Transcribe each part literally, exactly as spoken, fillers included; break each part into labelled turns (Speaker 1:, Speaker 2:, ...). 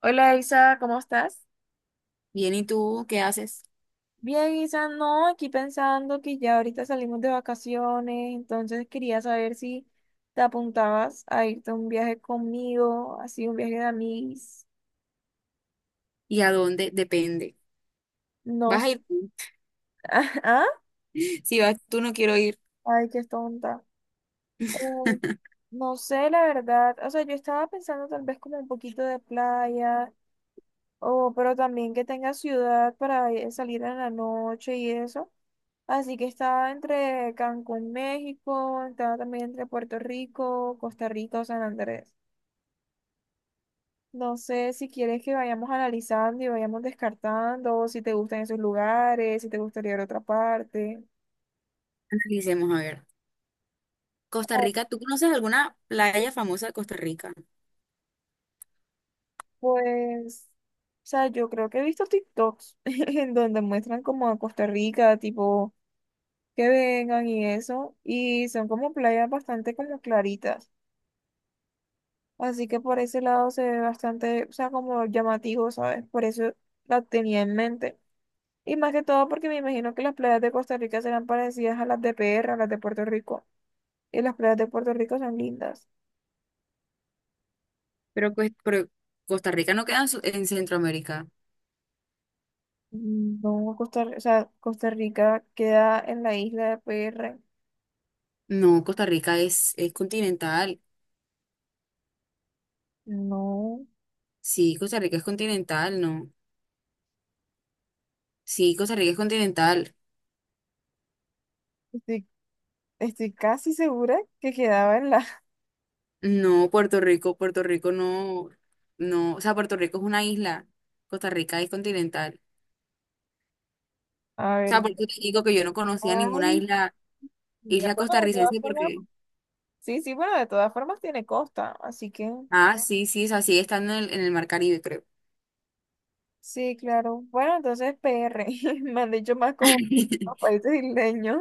Speaker 1: Hola Isa, ¿cómo estás?
Speaker 2: Bien, ¿y tú qué haces?
Speaker 1: Bien, Isa, no, aquí pensando que ya ahorita salimos de vacaciones, entonces quería saber si te apuntabas a irte a un viaje conmigo, así un viaje de amigos.
Speaker 2: ¿Y a dónde? Depende.
Speaker 1: No,
Speaker 2: ¿Vas
Speaker 1: s-
Speaker 2: a ir tú?
Speaker 1: ¿ah?
Speaker 2: Si vas tú, no quiero ir.
Speaker 1: Ay, qué tonta. Eh, no sé, la verdad, o sea, yo estaba pensando tal vez como un poquito de playa, o, pero también que tenga ciudad para ir- salir en la noche y eso. Así que está entre Cancún, México, está también entre Puerto Rico, Costa Rica o San Andrés. No sé si quieres que vayamos analizando y vayamos descartando, si te gustan esos lugares, si te gustaría ir a otra parte.
Speaker 2: Analicemos, a ver. Costa
Speaker 1: Oh,
Speaker 2: Rica, ¿tú conoces alguna playa famosa de Costa Rica?
Speaker 1: pues, o sea, yo creo que he visto TikToks en donde muestran como a Costa Rica, tipo, que vengan y eso, y son como playas bastante como claritas. Así que por ese lado se ve bastante, o sea, como llamativo, ¿sabes? Por eso la tenía en mente. Y más que todo porque me imagino que las playas de Costa Rica serán parecidas a las de P R, a las de Puerto Rico. Y las playas de Puerto Rico son lindas.
Speaker 2: Pero, pues, pero Costa Rica no queda en, Su- en Centroamérica.
Speaker 1: Mm, no, Costa, o sea, Costa Rica queda en la isla de P R.
Speaker 2: No, Costa Rica es, es continental.
Speaker 1: No,
Speaker 2: Sí, Costa Rica es continental, no. Sí, Costa Rica es continental.
Speaker 1: estoy, estoy casi segura que quedaba en la...
Speaker 2: No, Puerto Rico, Puerto Rico no, no. O sea, Puerto Rico es una isla. Costa Rica es continental.
Speaker 1: A
Speaker 2: O
Speaker 1: ver,
Speaker 2: sea, por eso te digo que yo no conocía ninguna
Speaker 1: ay,
Speaker 2: isla
Speaker 1: mira,
Speaker 2: Isla
Speaker 1: bueno, de todas
Speaker 2: costarricense
Speaker 1: formas,
Speaker 2: porque,
Speaker 1: sí, sí, bueno, de todas formas tiene costa, así que...
Speaker 2: ah, sí, sí, es así, estando en el, en el Mar Caribe, creo.
Speaker 1: Sí, claro. Bueno, entonces P R, me han dicho más como los países isleños.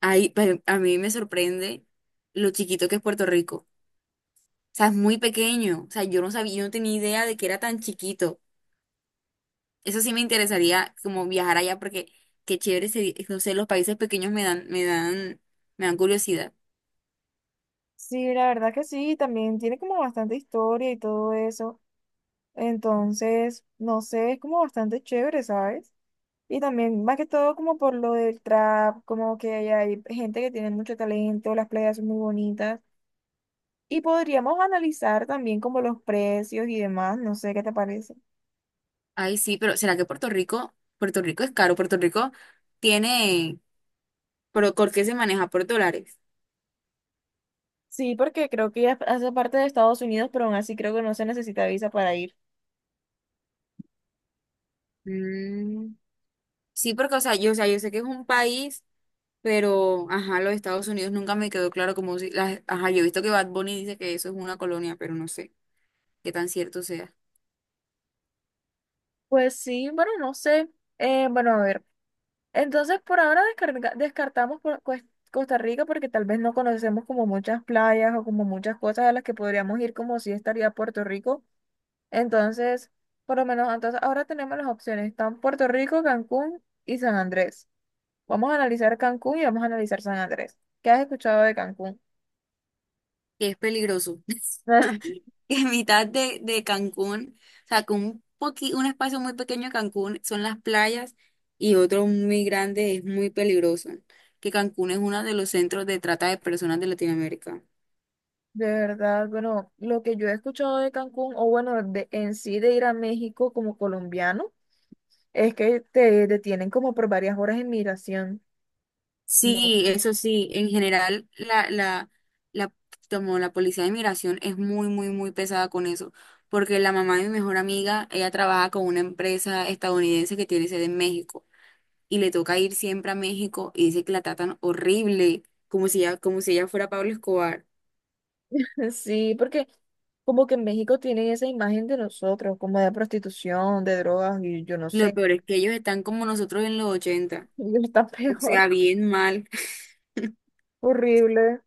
Speaker 2: Ahí, pero a mí me sorprende lo chiquito que es Puerto Rico. O sea, es muy pequeño. O sea, yo no sabía, yo no tenía idea de que era tan chiquito. Eso sí me interesaría como viajar allá porque qué chévere sería, no sé, los países pequeños me dan, me dan, me dan curiosidad.
Speaker 1: Sí, la verdad que sí, también tiene como bastante historia y todo eso. Entonces, no sé, es como bastante chévere, ¿sabes? Y también, más que todo, como por lo del trap, como que hay, hay gente que tiene mucho talento, las playas son muy bonitas. Y podríamos analizar también como los precios y demás, no sé qué te parece.
Speaker 2: Ay, sí, pero ¿será que Puerto Rico, Puerto Rico es caro? Puerto Rico tiene, pero ¿por qué se maneja por dólares?
Speaker 1: Sí, porque creo que ya hace parte de Estados Unidos, pero aún así creo que no se necesita visa para ir.
Speaker 2: Mm, sí, porque, o sea, yo, o sea, yo sé que es un país. Pero, ajá, los Estados Unidos nunca me quedó claro como si, las- ajá, yo he visto que Bad Bunny dice que eso es una colonia, pero no sé qué tan cierto sea.
Speaker 1: Pues sí, bueno, no sé. Eh, bueno, a ver. Entonces, por ahora descarga- descartamos por cues- Costa Rica porque tal vez no conocemos como muchas playas o como muchas cosas a las que podríamos ir como si estaría Puerto Rico. Entonces, por lo menos, entonces ahora tenemos las opciones. Están Puerto Rico, Cancún y San Andrés. Vamos a analizar Cancún y vamos a analizar San Andrés. ¿Qué has escuchado de Cancún?
Speaker 2: Que es peligroso.
Speaker 1: Ah,
Speaker 2: Que en mitad de, de Cancún, o sea, que un poqui, un espacio muy pequeño de Cancún son las playas y otro muy grande es muy peligroso. Que Cancún es uno de los centros de trata de personas de Latinoamérica.
Speaker 1: de verdad, bueno, lo que yo he escuchado de Cancún, o bueno, de, en sí de ir a México como colombiano, es que te detienen como por varias horas en migración. No.
Speaker 2: Sí, eso sí, en general la, la, la, como la policía de inmigración es muy, muy, muy pesada con eso, porque la mamá de mi mejor amiga, ella trabaja con una empresa estadounidense que tiene sede en México y le toca ir siempre a México y dice que la tratan horrible, como si ella, como si ella fuera Pablo Escobar.
Speaker 1: Sí, porque como que en México tienen esa imagen de nosotros, como de prostitución, de drogas, y yo no
Speaker 2: Lo
Speaker 1: sé,
Speaker 2: peor es que ellos están como nosotros en los ochenta,
Speaker 1: ellos están
Speaker 2: o
Speaker 1: peor,
Speaker 2: sea, bien mal.
Speaker 1: horrible.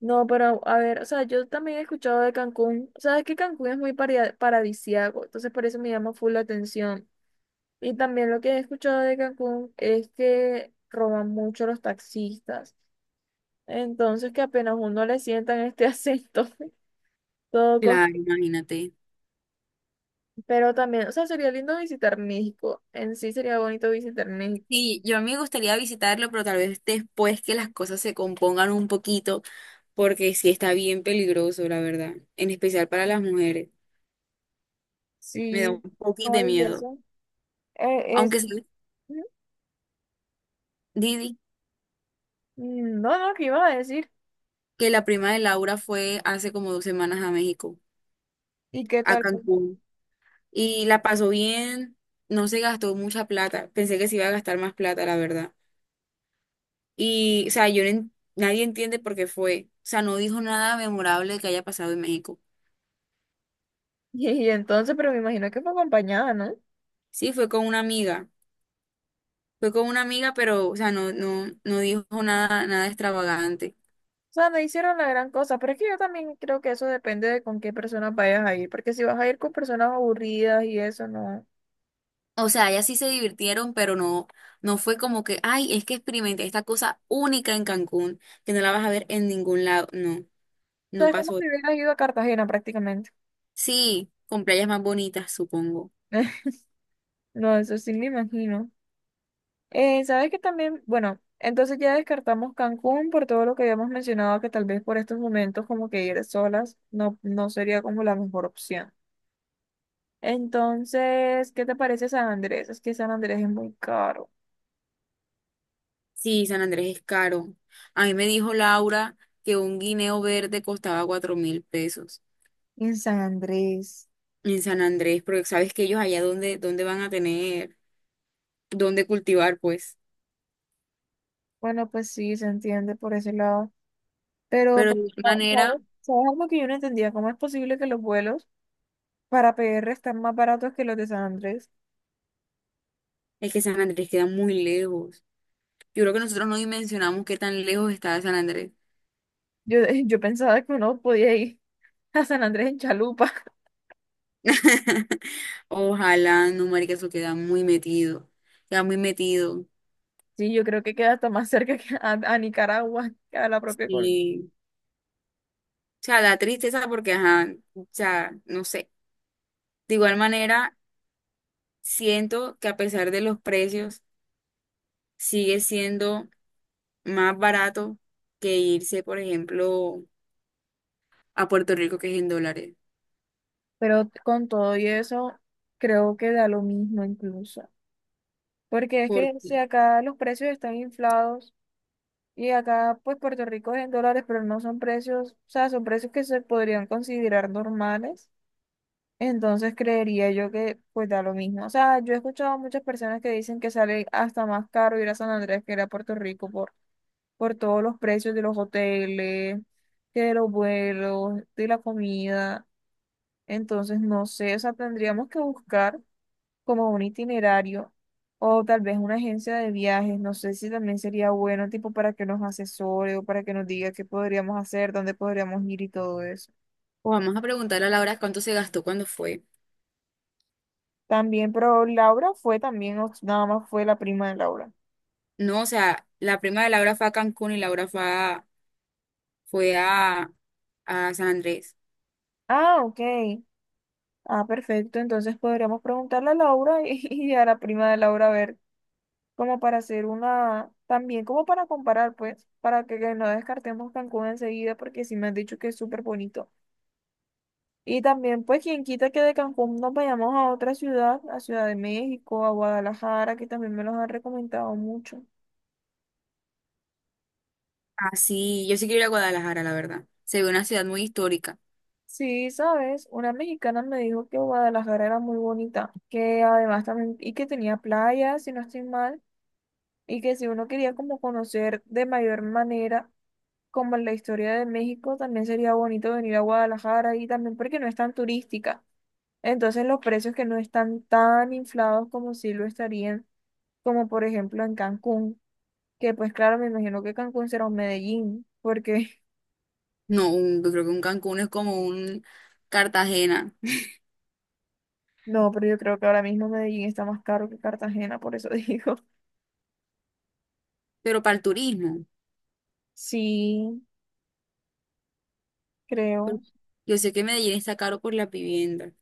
Speaker 1: No, pero a ver, o sea, yo también he escuchado de Cancún, sabes que Cancún es muy paria- paradisíaco, entonces por eso me llama full la atención. Y también lo que he escuchado de Cancún es que roban mucho los taxistas. Entonces que apenas uno le sientan este acento, todo cos-
Speaker 2: Claro, imagínate.
Speaker 1: Pero también, o sea, sería lindo visitar México. En sí sería bonito visitar México.
Speaker 2: Sí, yo a mí me gustaría visitarlo, pero tal vez después que las cosas se compongan un poquito, porque sí está bien peligroso, la verdad, en especial para las mujeres. Me da
Speaker 1: Sí,
Speaker 2: un poquito
Speaker 1: no,
Speaker 2: de
Speaker 1: y
Speaker 2: miedo.
Speaker 1: eso. eh, es...
Speaker 2: Aunque sí, Didi,
Speaker 1: Mm, no, no, ¿qué iba a decir?
Speaker 2: que la prima de Laura fue hace como dos semanas a México,
Speaker 1: ¿Y qué
Speaker 2: a
Speaker 1: tal?
Speaker 2: Cancún, y la pasó bien, no se gastó mucha plata. Pensé que se iba a gastar más plata, la verdad. Y, o sea, yo no en- nadie entiende por qué fue. O sea, no dijo nada memorable que haya pasado en México.
Speaker 1: Y, entonces, pero me imagino que fue acompañada, ¿no? O
Speaker 2: Sí, fue con una amiga. Fue con una amiga, pero, o sea, no, no, no dijo nada, nada extravagante.
Speaker 1: sea, no hicieron la gran cosa, pero es que yo también creo que eso depende de con qué personas vayas a ir, porque si vas a ir con personas aburridas y eso, no.
Speaker 2: O sea, ellas sí se divirtieron, pero no, no fue como que, ay, es que experimenté esta cosa única en Cancún, que no la vas a ver en ningún lado. No, no
Speaker 1: Entonces, como si
Speaker 2: pasó.
Speaker 1: hubieran ido a Cartagena prácticamente.
Speaker 2: Sí, con playas más bonitas, supongo.
Speaker 1: No, eso sí me imagino. Eh, ¿sabes que también? Bueno, entonces ya descartamos Cancún por todo lo que habíamos mencionado, que tal vez por estos momentos como que ir solas no, no sería como la mejor opción. Entonces, ¿qué te parece San Andrés? Es que San Andrés es muy caro.
Speaker 2: Sí, San Andrés es caro. A mí me dijo Laura que un guineo verde costaba cuatro mil pesos
Speaker 1: En San Andrés.
Speaker 2: en San Andrés, porque sabes que ellos allá donde, donde, van a tener, donde cultivar, pues.
Speaker 1: Bueno, pues sí, se entiende por ese lado. Pero,
Speaker 2: Pero
Speaker 1: pa-
Speaker 2: de igual
Speaker 1: ¿sabes?
Speaker 2: manera,
Speaker 1: ¿Sabes algo que yo no entendía? ¿Cómo es posible que los vuelos para P R están más baratos que los de San Andrés?
Speaker 2: es que San Andrés queda muy lejos. Yo creo que nosotros no dimensionamos qué tan lejos está de San Andrés.
Speaker 1: Yo, yo pensaba que uno podía ir a San Andrés en chalupa.
Speaker 2: Ojalá, no, marica, eso queda muy metido. Queda muy metido.
Speaker 1: Sí, yo creo que queda hasta más cerca que a, a Nicaragua, que a la propia Colombia.
Speaker 2: Sí. O sea, da tristeza porque, ajá, o sea, no sé. De igual manera, siento que a pesar de los precios, sigue siendo más barato que irse, por ejemplo, a Puerto Rico, que es en dólares.
Speaker 1: Pero con todo y eso, creo que da lo mismo incluso. Porque es que si
Speaker 2: Porque,
Speaker 1: acá los precios están inflados y acá pues Puerto Rico es en dólares, pero no son precios, o sea, son precios que se podrían considerar normales. Entonces creería yo que pues da lo mismo. O sea, yo he escuchado a muchas personas que dicen que sale hasta más caro ir a San Andrés que ir a Puerto Rico por por todos los precios de los hoteles, que de los vuelos, de la comida. Entonces, no sé, o sea, tendríamos que buscar como un itinerario o tal vez una agencia de viajes. No sé si también sería bueno, tipo, para que nos asesore o para que nos diga qué podríamos hacer, dónde podríamos ir y todo eso.
Speaker 2: o vamos a preguntarle a Laura cuánto se gastó cuando fue.
Speaker 1: También, pero Laura fue también, o nada más fue la prima de Laura.
Speaker 2: No, o sea, la prima de Laura fue a Cancún y Laura fue a, fue a, a San Andrés.
Speaker 1: Ah, ok. Ah, perfecto. Entonces podríamos preguntarle a Laura y, y a la prima de Laura a ver. Como para hacer una, también como para comparar, pues, para que, que no descartemos Cancún enseguida, porque sí me han dicho que es súper bonito. Y también, pues, quien quita que de Cancún nos vayamos a otra ciudad, a Ciudad de México, a Guadalajara, que también me los han recomendado mucho.
Speaker 2: Ah, sí, yo sí quiero ir a Guadalajara, la verdad. Se ve una ciudad muy histórica.
Speaker 1: Sí, sabes, una mexicana me dijo que Guadalajara era muy bonita, que además también, y que tenía playas, si no estoy mal, y que si uno quería como conocer de mayor manera, como en la historia de México, también sería bonito venir a Guadalajara y también porque no es tan turística. Entonces los precios que no están tan inflados como si lo estarían, como por ejemplo en Cancún, que pues claro, me imagino que Cancún será un Medellín, porque
Speaker 2: No, un- yo creo que un Cancún es como un Cartagena,
Speaker 1: no, pero yo creo que ahora mismo Medellín está más caro que Cartagena, por eso digo.
Speaker 2: pero para el turismo.
Speaker 1: Sí,
Speaker 2: Pero
Speaker 1: creo.
Speaker 2: Yo sé que Medellín está caro por las viviendas.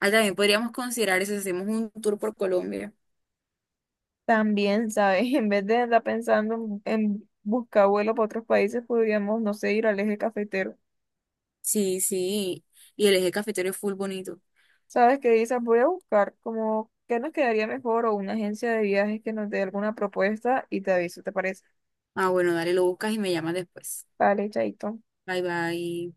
Speaker 2: Ah, también podríamos considerar eso, si hacemos un tour por Colombia.
Speaker 1: También, ¿sabes? En vez de andar pensando en, en buscar vuelo para otros países, podríamos, no sé, ir al eje cafetero.
Speaker 2: Sí, sí. Y el eje cafetero es full bonito.
Speaker 1: ¿Sabes qué dices? Voy a buscar como qué nos quedaría mejor o una agencia de viajes que nos dé alguna propuesta y te aviso, ¿te parece?
Speaker 2: Ah, bueno, dale, lo buscas y me llamas después.
Speaker 1: Vale, chaito.
Speaker 2: Bye, bye.